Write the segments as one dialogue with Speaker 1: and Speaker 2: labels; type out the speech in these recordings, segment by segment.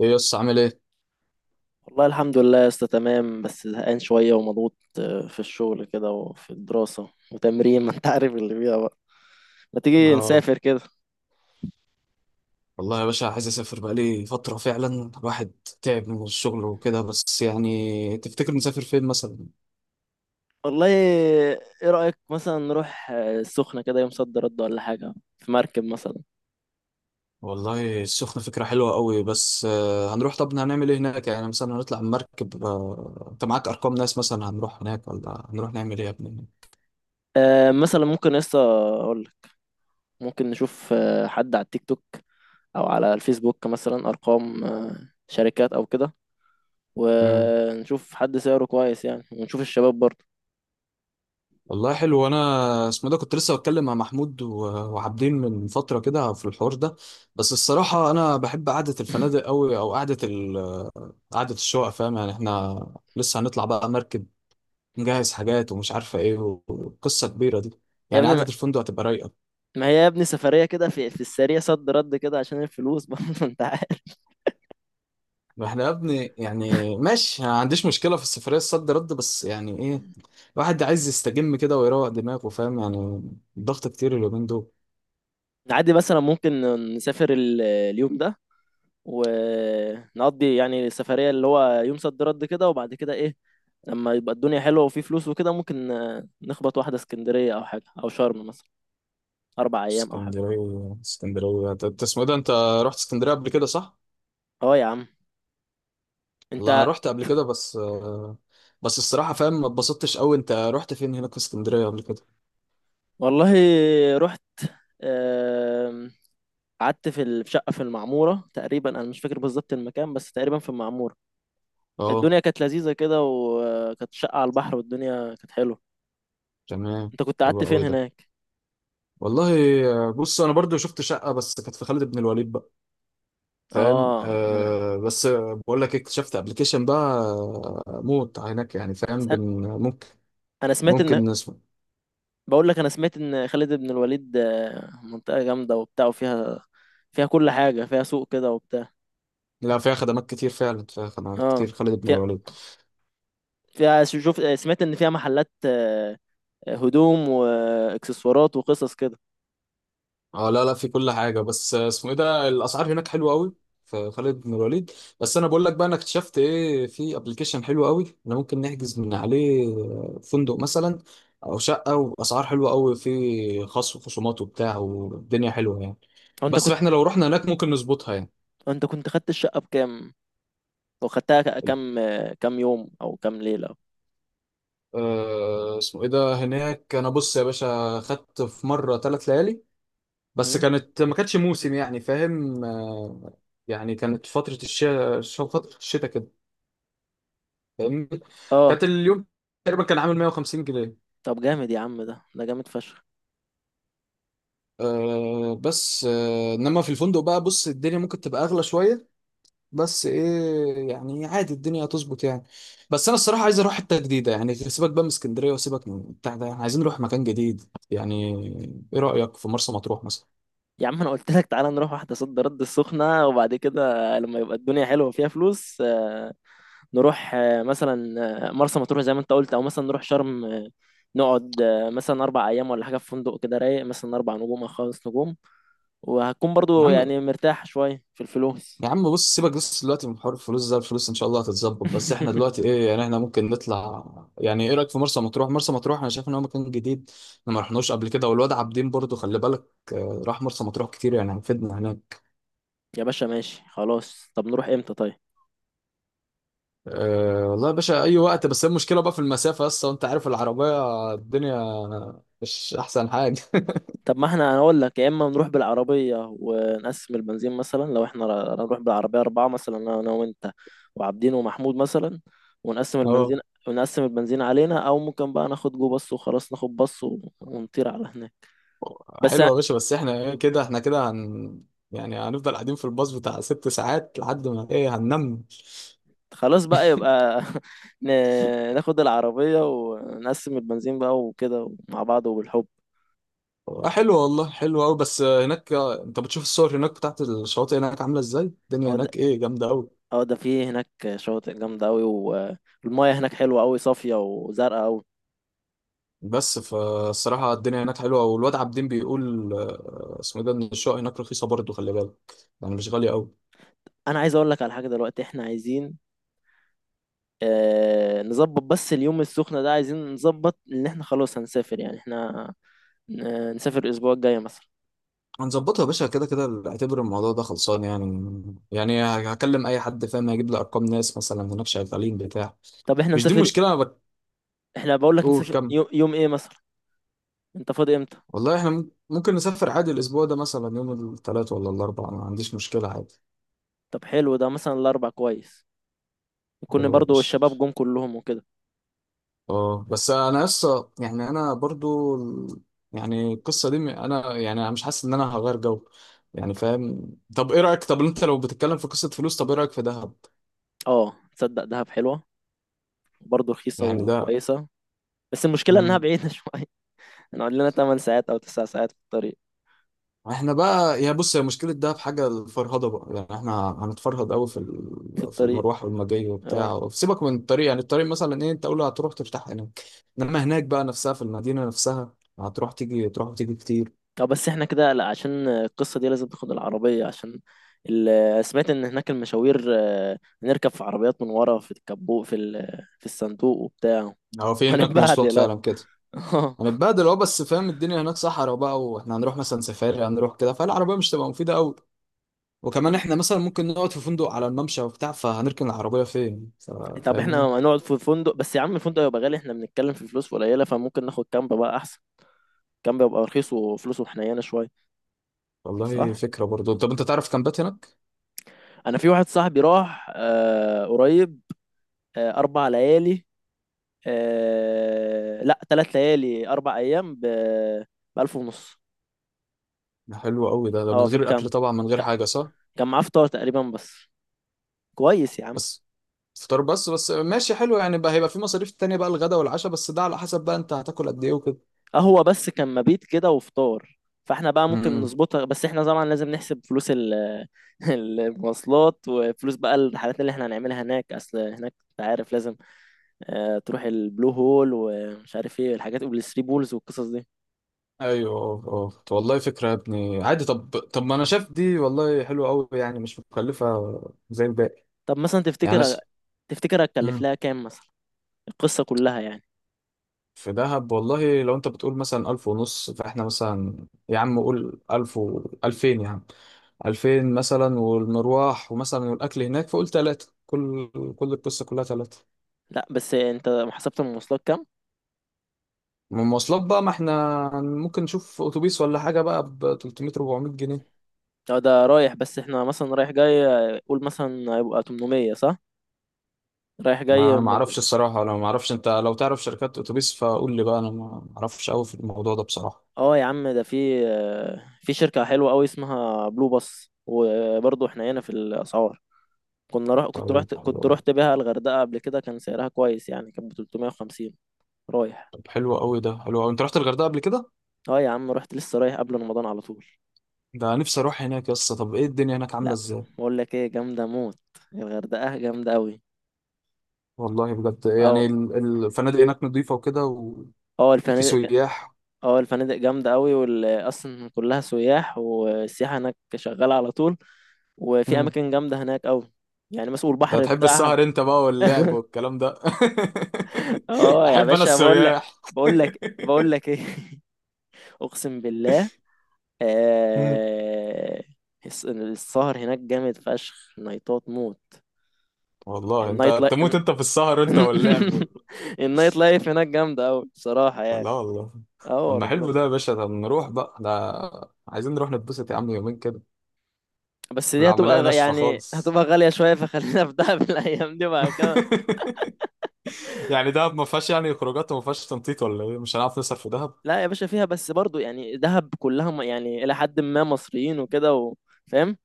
Speaker 1: ايه يس عامل ايه؟
Speaker 2: والله الحمد لله يا اسطى، تمام بس زهقان شوية ومضغوط في الشغل كده وفي الدراسة وتمرين، ما انت عارف اللي فيها بقى. ما تيجي
Speaker 1: اه
Speaker 2: نسافر كده؟
Speaker 1: والله يا باشا، عايز اسافر بقالي فترة، فعلا الواحد تعب من الشغل وكده، بس يعني تفتكر نسافر فين مثلا؟
Speaker 2: والله ايه، رأيك مثلا نروح السخنة كده يوم صد رد ولا حاجة، في مركب مثلا؟
Speaker 1: والله السخنة فكرة حلوة قوي، بس هنروح طب هنعمل ايه هناك؟ يعني مثلا هنطلع مركب؟ انت معاك ارقام ناس مثلا هنروح هناك، ولا هنروح نعمل ايه يا ابني؟
Speaker 2: مثلا ممكن يا اسطى، اقول لك، ممكن نشوف حد على التيك توك او على الفيسبوك، مثلا ارقام شركات او كده، ونشوف حد سعره كويس يعني، ونشوف الشباب برضه.
Speaker 1: والله حلو، وانا اسمه ده كنت لسه بتكلم مع محمود وعابدين من فتره كده في الحوار ده. بس الصراحه انا بحب قعده الفنادق قوي، او قعده قعده الشقق، فاهم يعني؟ احنا لسه هنطلع بقى مركب، نجهز حاجات ومش عارفه ايه، وقصه كبيره دي.
Speaker 2: يا
Speaker 1: يعني قعده
Speaker 2: ابني،
Speaker 1: الفندق هتبقى رايقه.
Speaker 2: ما هي يا ابني سفرية كده، في السريع صد رد كده عشان الفلوس برضه انت عارف.
Speaker 1: ما احنا يا ابني يعني ماشي، أنا ما عنديش مشكله في السفريه الصد رد، بس يعني ايه، الواحد عايز يستجم كده ويروق دماغه، فاهم يعني؟ الضغط كتير اليومين دول.
Speaker 2: عادي مثلا ممكن نسافر اليوم ده، ونقضي يعني السفرية اللي هو يوم صد رد كده، وبعد كده ايه؟ لما يبقى الدنيا حلوة وفي فلوس وكده، ممكن نخبط واحدة اسكندرية او حاجة، او شرم مثلا، اربع ايام او حاجة.
Speaker 1: اسكندرية انت اسمه ايه ده، انت رحت اسكندرية قبل كده صح؟
Speaker 2: اه يا عم، انت،
Speaker 1: والله انا رحت قبل كده، بس بس الصراحة فاهم، ما اتبسطتش قوي. انت رحت فين هناك في اسكندرية قبل كده؟
Speaker 2: والله رحت، آم، قعدت في في شقة في المعمورة تقريبا، انا مش فاكر بالظبط المكان، بس تقريبا في المعمورة.
Speaker 1: اه،
Speaker 2: الدنيا كانت لذيذة كده، وكانت شقة على البحر، والدنيا كانت حلوة.
Speaker 1: تمام،
Speaker 2: انت كنت
Speaker 1: حلو
Speaker 2: قعدت فين
Speaker 1: قوي ده.
Speaker 2: هناك؟
Speaker 1: والله، بص انا برضو شفت شقة بس كانت في خالد بن الوليد بقى، فاهم؟
Speaker 2: اه انا.
Speaker 1: آه بس آه، بقول لك اكتشفت ابلكيشن بقى، موت هناك يعني، فاهم؟
Speaker 2: أنا
Speaker 1: بن ممكن،
Speaker 2: أنا سمعت ان،
Speaker 1: ممكن نسمع.
Speaker 2: بقول لك انا سمعت ان خالد بن الوليد منطقة جامدة وبتاع، وفيها كل حاجة، فيها سوق كده وبتاع.
Speaker 1: لا، فيها خدمات كتير فعلا، فيها خدمات
Speaker 2: اه،
Speaker 1: كتير خالد بن
Speaker 2: فيها
Speaker 1: الوليد.
Speaker 2: فيها شوف، سمعت ان فيها محلات هدوم واكسسوارات وقصص كده.
Speaker 1: اه، لا لا، في كل حاجة، بس اسمه ايه ده، الأسعار هناك حلوة قوي في خالد بن الوليد. بس أنا بقول لك بقى، أنا اكتشفت ايه، في ابلكيشن حلو قوي أنا ممكن نحجز من عليه فندق مثلا أو شقة، وأسعار حلوة قوي، في خصم وخصومات وبتاع، والدنيا حلوة يعني.
Speaker 2: هو انت
Speaker 1: بس
Speaker 2: كنت،
Speaker 1: احنا لو رحنا هناك ممكن نظبطها يعني.
Speaker 2: انت كنت خدت الشقة بكام؟ وخدتها كام كام يوم او كام ليلة؟
Speaker 1: اسمه ايه ده هناك، أنا بص يا باشا خدت في مرة 3 ليالي، بس
Speaker 2: مم؟
Speaker 1: كانت ما كانتش موسم، يعني فاهم؟ يعني كانت فترة الشتاء كده، فاهمني؟
Speaker 2: اه
Speaker 1: كانت اليوم تقريبا كان عامل 150 جنيه.
Speaker 2: طب جامد يا عم، ده جامد فشخ.
Speaker 1: آه بس آه انما في الفندق بقى، بص الدنيا ممكن تبقى اغلى شويه، بس ايه يعني، عادي الدنيا هتظبط يعني. بس انا الصراحه عايز اروح حته جديده، يعني سيبك بقى من اسكندريه وسيبك من بتاع ده، عايزين نروح مكان جديد يعني. ايه رايك في مرسى مطروح مثلا؟
Speaker 2: يا عم انا قلت لك، تعالى نروح واحده صد رد السخنه، وبعد كده لما يبقى الدنيا حلوه وفيها فلوس نروح مثلا مرسى مطروح زي ما انت قلت، او مثلا نروح شرم نقعد مثلا اربع ايام ولا حاجه، في فندق كده رايق مثلا اربع نجوم او خمس نجوم، وهتكون
Speaker 1: يا
Speaker 2: برضو
Speaker 1: عم
Speaker 2: يعني مرتاح شويه في الفلوس.
Speaker 1: يا عم بص، سيبك بس دلوقتي من حوار الفلوس ده، الفلوس ان شاء الله هتتظبط، بس احنا دلوقتي ايه يعني، احنا ممكن نطلع يعني. ايه رايك في مرسى مطروح انا شايف ان هو مكان جديد، احنا ما رحناش قبل كده، والواد عابدين برضو خلي بالك راح مرسى مطروح كتير، يعني هيفيدنا هناك.
Speaker 2: يا باشا ماشي، خلاص طب نروح امتى طيب؟
Speaker 1: أه والله يا باشا اي وقت، بس هي المشكله بقى في المسافه اصلا، وانت عارف العربيه الدنيا مش احسن حاجه.
Speaker 2: طب ما احنا هنقول لك: يا اما نروح بالعربيه ونقسم البنزين، مثلا لو احنا هنروح بالعربيه اربعه، مثلا انا وانت وعابدين ومحمود مثلا، ونقسم
Speaker 1: اه،
Speaker 2: البنزين، ونقسم البنزين علينا، او ممكن بقى ناخد جو باص، وخلاص ناخد باص ونطير على هناك. بس
Speaker 1: حلوه يا باشا، بس احنا ايه كده، احنا كده هن يعني هنفضل قاعدين في الباص بتاع 6 ساعات لحد ما ايه، هننام؟
Speaker 2: خلاص بقى، يبقى ناخد العربيه ونقسم البنزين بقى، وكده مع بعض وبالحب.
Speaker 1: حلو والله، حلو قوي، بس هناك انت بتشوف الصور هناك بتاعت الشواطئ، هناك عامله ازاي الدنيا
Speaker 2: اه ده،
Speaker 1: هناك؟ ايه، جامده قوي.
Speaker 2: اه ده في هناك شواطئ جامده قوي، والمياه هناك حلوه قوي، صافيه وزرقاء قوي.
Speaker 1: بس فالصراحه الدنيا هناك حلوه، والواد عابدين بيقول اسمه إيه ده، ان الشقق هناك رخيصه برضه، خلي بالك، يعني مش غاليه قوي.
Speaker 2: انا عايز اقول لك على حاجه، دلوقتي احنا عايزين نظبط بس اليوم السخنة ده، عايزين نظبط ان احنا خلاص هنسافر، يعني احنا نسافر الاسبوع الجاي مثلا.
Speaker 1: هنظبطها يا باشا، كده كده اعتبر الموضوع ده خلصان يعني. يعني هكلم اي حد فاهم، هيجيب لي ارقام ناس مثلا هناك شغالين بتاع
Speaker 2: طب احنا
Speaker 1: مش دي
Speaker 2: نسافر،
Speaker 1: المشكله. انا
Speaker 2: احنا بقول لك
Speaker 1: بقول
Speaker 2: نسافر
Speaker 1: كم.
Speaker 2: يوم، يوم ايه مثلا؟ انت فاضي امتى؟
Speaker 1: والله احنا ممكن نسافر عادي الاسبوع ده، مثلا يوم الثلاث ولا الاربع، ما عنديش مشكله عادي.
Speaker 2: طب حلو، ده مثلا الاربع كويس، يكون
Speaker 1: حلو يا
Speaker 2: برضو
Speaker 1: باشا.
Speaker 2: الشباب جم كلهم وكده.
Speaker 1: اه بس انا لسه يعني، انا برضو يعني القصه دي انا يعني انا مش حاسس ان انا هغير جو، يعني فاهم؟ طب ايه رايك، طب انت لو بتتكلم في قصه فلوس، طب ايه رايك في دهب
Speaker 2: اه، تصدق؟ دهب حلوة، برضو رخيصة
Speaker 1: يعني ده؟
Speaker 2: وكويسة. بس المشكلة انها
Speaker 1: مم.
Speaker 2: بعيدة شوية، هنقعد لنا 8 ساعات او 9 ساعات في الطريق.
Speaker 1: احنا بقى يا بص، هي مشكله دهب حاجه الفرهده بقى، يعني احنا هنتفرهد قوي في
Speaker 2: في
Speaker 1: في
Speaker 2: الطريق.
Speaker 1: المروح والمجاي
Speaker 2: اه
Speaker 1: وبتاع، سيبك من الطريق، يعني الطريق مثلا ايه، انت قول هتروح ترتاح هناك. انما هناك بقى نفسها في المدينه نفسها، هتروح تيجي تروح وتيجي كتير.
Speaker 2: اه، بس احنا كده لا، عشان القصة دي لازم تاخد العربية، عشان سمعت ان هناك المشاوير نركب في عربيات من ورا في الكبوت، في في الصندوق وبتاع.
Speaker 1: هو في هناك مواصلات
Speaker 2: هنتبهدل؟ لا
Speaker 1: فعلا كده؟ هنتبهدل. اه، بس فاهم الدنيا هناك صحرا بقى، واحنا هنروح مثلا سفاري هنروح كده، فالعربية مش تبقى مفيدة قوي؟ وكمان احنا مثلا ممكن نقعد في فندق على الممشى وبتاع، فهنركن العربية فين
Speaker 2: طب احنا
Speaker 1: فاهمني؟
Speaker 2: هنقعد في فندق؟ بس يا عم الفندق يبقى غالي، احنا بنتكلم في فلوس قليلة، فممكن ناخد كامب بقى احسن. كامب يبقى رخيص وفلوسه حنينة شوية،
Speaker 1: والله
Speaker 2: صح.
Speaker 1: فكرة برضو. طب انت تعرف كامبات هناك؟
Speaker 2: انا في واحد صاحبي راح قريب، اربع ليالي، لا، ثلاث ليالي اربع ايام ب 1000 ونص.
Speaker 1: ده حلو قوي ده، ده
Speaker 2: اه،
Speaker 1: من
Speaker 2: في
Speaker 1: غير الاكل
Speaker 2: الكامب
Speaker 1: طبعا، من غير
Speaker 2: ك-
Speaker 1: حاجة صح؟
Speaker 2: كان معاه فطار تقريبا بس، كويس يا عم.
Speaker 1: بس فطار بس، بس ماشي حلو يعني بقى، هيبقى في مصاريف تانية بقى، الغدا والعشاء، بس ده على حسب بقى انت هتاكل قد ايه وكده.
Speaker 2: قهوة بس، كان مبيت كده وفطار. فاحنا بقى ممكن
Speaker 1: امم.
Speaker 2: نظبطها، بس احنا طبعا لازم نحسب فلوس المواصلات، وفلوس بقى الرحلات اللي احنا هنعملها هناك، اصل هناك انت عارف لازم تروح البلو هول ومش عارف ايه الحاجات، والثري بولز والقصص دي.
Speaker 1: ايوه، اه اه، طب والله فكرة يا ابني عادي، طب ما انا شايف دي والله حلوة قوي، يعني مش مكلفة زي الباقي
Speaker 2: طب مثلا،
Speaker 1: يعني.
Speaker 2: تفتكر هتكلف
Speaker 1: مم.
Speaker 2: لها كام مثلا، القصة كلها يعني؟
Speaker 1: في دهب، والله لو انت بتقول مثلا 1500، فاحنا مثلا يا عم قول 1000 و 2000 يا عم، 2000 مثلا والمروح ومثلا والأكل هناك، فقول 3000، كل القصة كلها 3000.
Speaker 2: لا بس انت حسبت المواصلات كام؟
Speaker 1: من المواصلات بقى، ما احنا ممكن نشوف أتوبيس ولا حاجة بقى ب 300 400 جنيه.
Speaker 2: اه ده رايح، بس احنا مثلا رايح جاي قول مثلا هيبقى 800، صح؟ رايح
Speaker 1: ما
Speaker 2: جاي
Speaker 1: أنا ما أعرفش الصراحة، أنا ما أعرفش، أنت لو تعرف شركات أتوبيس فقول لي بقى، أنا ما أعرفش أوي في الموضوع ده بصراحة.
Speaker 2: اه يا عم ده في في شركة حلوة قوي اسمها بلو باص، وبرضه احنا هنا في الأسعار، كنا كنت رحت
Speaker 1: طيب حلو
Speaker 2: كنت
Speaker 1: أوي.
Speaker 2: رحت بيها الغردقة قبل كده، كان سعرها كويس يعني، كانت ب 350 رايح.
Speaker 1: طب حلو أوي ده، حلو أوي، أنت رحت الغردقة قبل كده؟
Speaker 2: اه يا عم رحت، لسه رايح قبل رمضان على طول.
Speaker 1: ده نفسي أروح هناك يا اسطى. طب إيه الدنيا هناك عاملة
Speaker 2: لا
Speaker 1: إزاي؟
Speaker 2: بقول لك ايه، جامدة موت، الغردقة جامدة قوي.
Speaker 1: والله بجد يعني،
Speaker 2: اه
Speaker 1: الفنادق هناك نظيفة وكده، وفي
Speaker 2: اه،
Speaker 1: سياح؟
Speaker 2: الفنادق جامدة قوي، اصلا كلها سياح، والسياحة هناك شغالة على طول، وفي
Speaker 1: مم.
Speaker 2: اماكن جامدة هناك قوي، يعني مثلا
Speaker 1: انت
Speaker 2: البحر
Speaker 1: هتحب
Speaker 2: بتاعها.
Speaker 1: السهر انت بقى واللعب والكلام ده.
Speaker 2: اه يا
Speaker 1: احب انا
Speaker 2: باشا، بقول لك
Speaker 1: السياح.
Speaker 2: بقول لك بقول لك ايه، اقسم بالله.
Speaker 1: مم.
Speaker 2: آه... السهر هناك جامد فشخ، نايتات موت.
Speaker 1: والله
Speaker 2: النايت
Speaker 1: انت
Speaker 2: لايف
Speaker 1: تموت انت في السهر، انت واللعب
Speaker 2: النايت لايف هناك جامده قوي بصراحه يعني.
Speaker 1: لا والله. طب
Speaker 2: اه
Speaker 1: ما
Speaker 2: ربنا.
Speaker 1: حلو ده يا باشا، ده نروح بقى ده، عايزين نروح نتبسط يا عم يومين كده.
Speaker 2: بس دي
Speaker 1: العملية
Speaker 2: هتبقى
Speaker 1: ناشفة
Speaker 2: يعني
Speaker 1: خالص.
Speaker 2: هتبقى غاليه شويه، فخلينا في دهب الايام دي بعد كده.
Speaker 1: يعني دهب ما فيهاش يعني خروجات، وما فيهاش تنطيط ولا ايه، مش هنعرف نصرف في دهب؟
Speaker 2: لا يا باشا فيها، بس برضو يعني دهب كلها يعني الى حد ما مصريين وكده فاهم.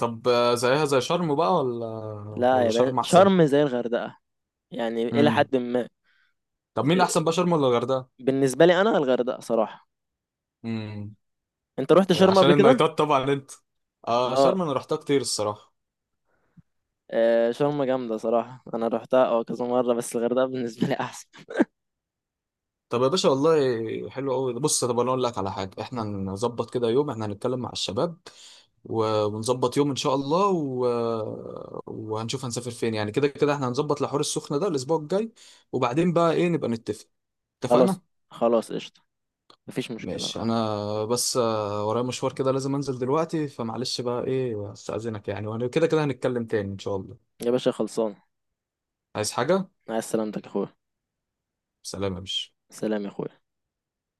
Speaker 1: طب زيها زي شرم بقى ولا،
Speaker 2: لا
Speaker 1: ولا
Speaker 2: يا باشا،
Speaker 1: شرم احسن؟
Speaker 2: شرم زي الغردقه، يعني الى
Speaker 1: امم.
Speaker 2: حد ما.
Speaker 1: طب مين احسن بقى، شرم ولا الغردقه؟
Speaker 2: بالنسبه لي انا الغردقه صراحه.
Speaker 1: امم.
Speaker 2: انت رحت شرم
Speaker 1: عشان
Speaker 2: قبل كده؟
Speaker 1: النايتات طبعا انت.
Speaker 2: اه.
Speaker 1: شرم انا رحتها كتير الصراحه.
Speaker 2: شرم جامده صراحه، انا رحتها اه كذا مره، بس الغردقه بالنسبه لي احسن.
Speaker 1: طب يا باشا والله حلو قوي، بص طب انا اقول لك على حاجه، احنا نظبط كده يوم، احنا هنتكلم مع الشباب ونظبط يوم ان شاء الله وهنشوف هنسافر فين يعني، كده كده احنا هنظبط لحوار السخنه ده الاسبوع الجاي، وبعدين بقى ايه نبقى نتفق.
Speaker 2: خلاص.
Speaker 1: اتفقنا.
Speaker 2: خلاص قشطه، مفيش مشكله
Speaker 1: ماشي،
Speaker 2: آه.
Speaker 1: انا بس ورايا مشوار كده لازم انزل دلوقتي، فمعلش بقى ايه، استأذنك يعني، وانا كده كده هنتكلم تاني ان شاء الله.
Speaker 2: يا باشا خلصان.
Speaker 1: عايز حاجة؟
Speaker 2: مع السلامتك يا اخويا.
Speaker 1: سلام يا باشا.
Speaker 2: سلام يا اخويا.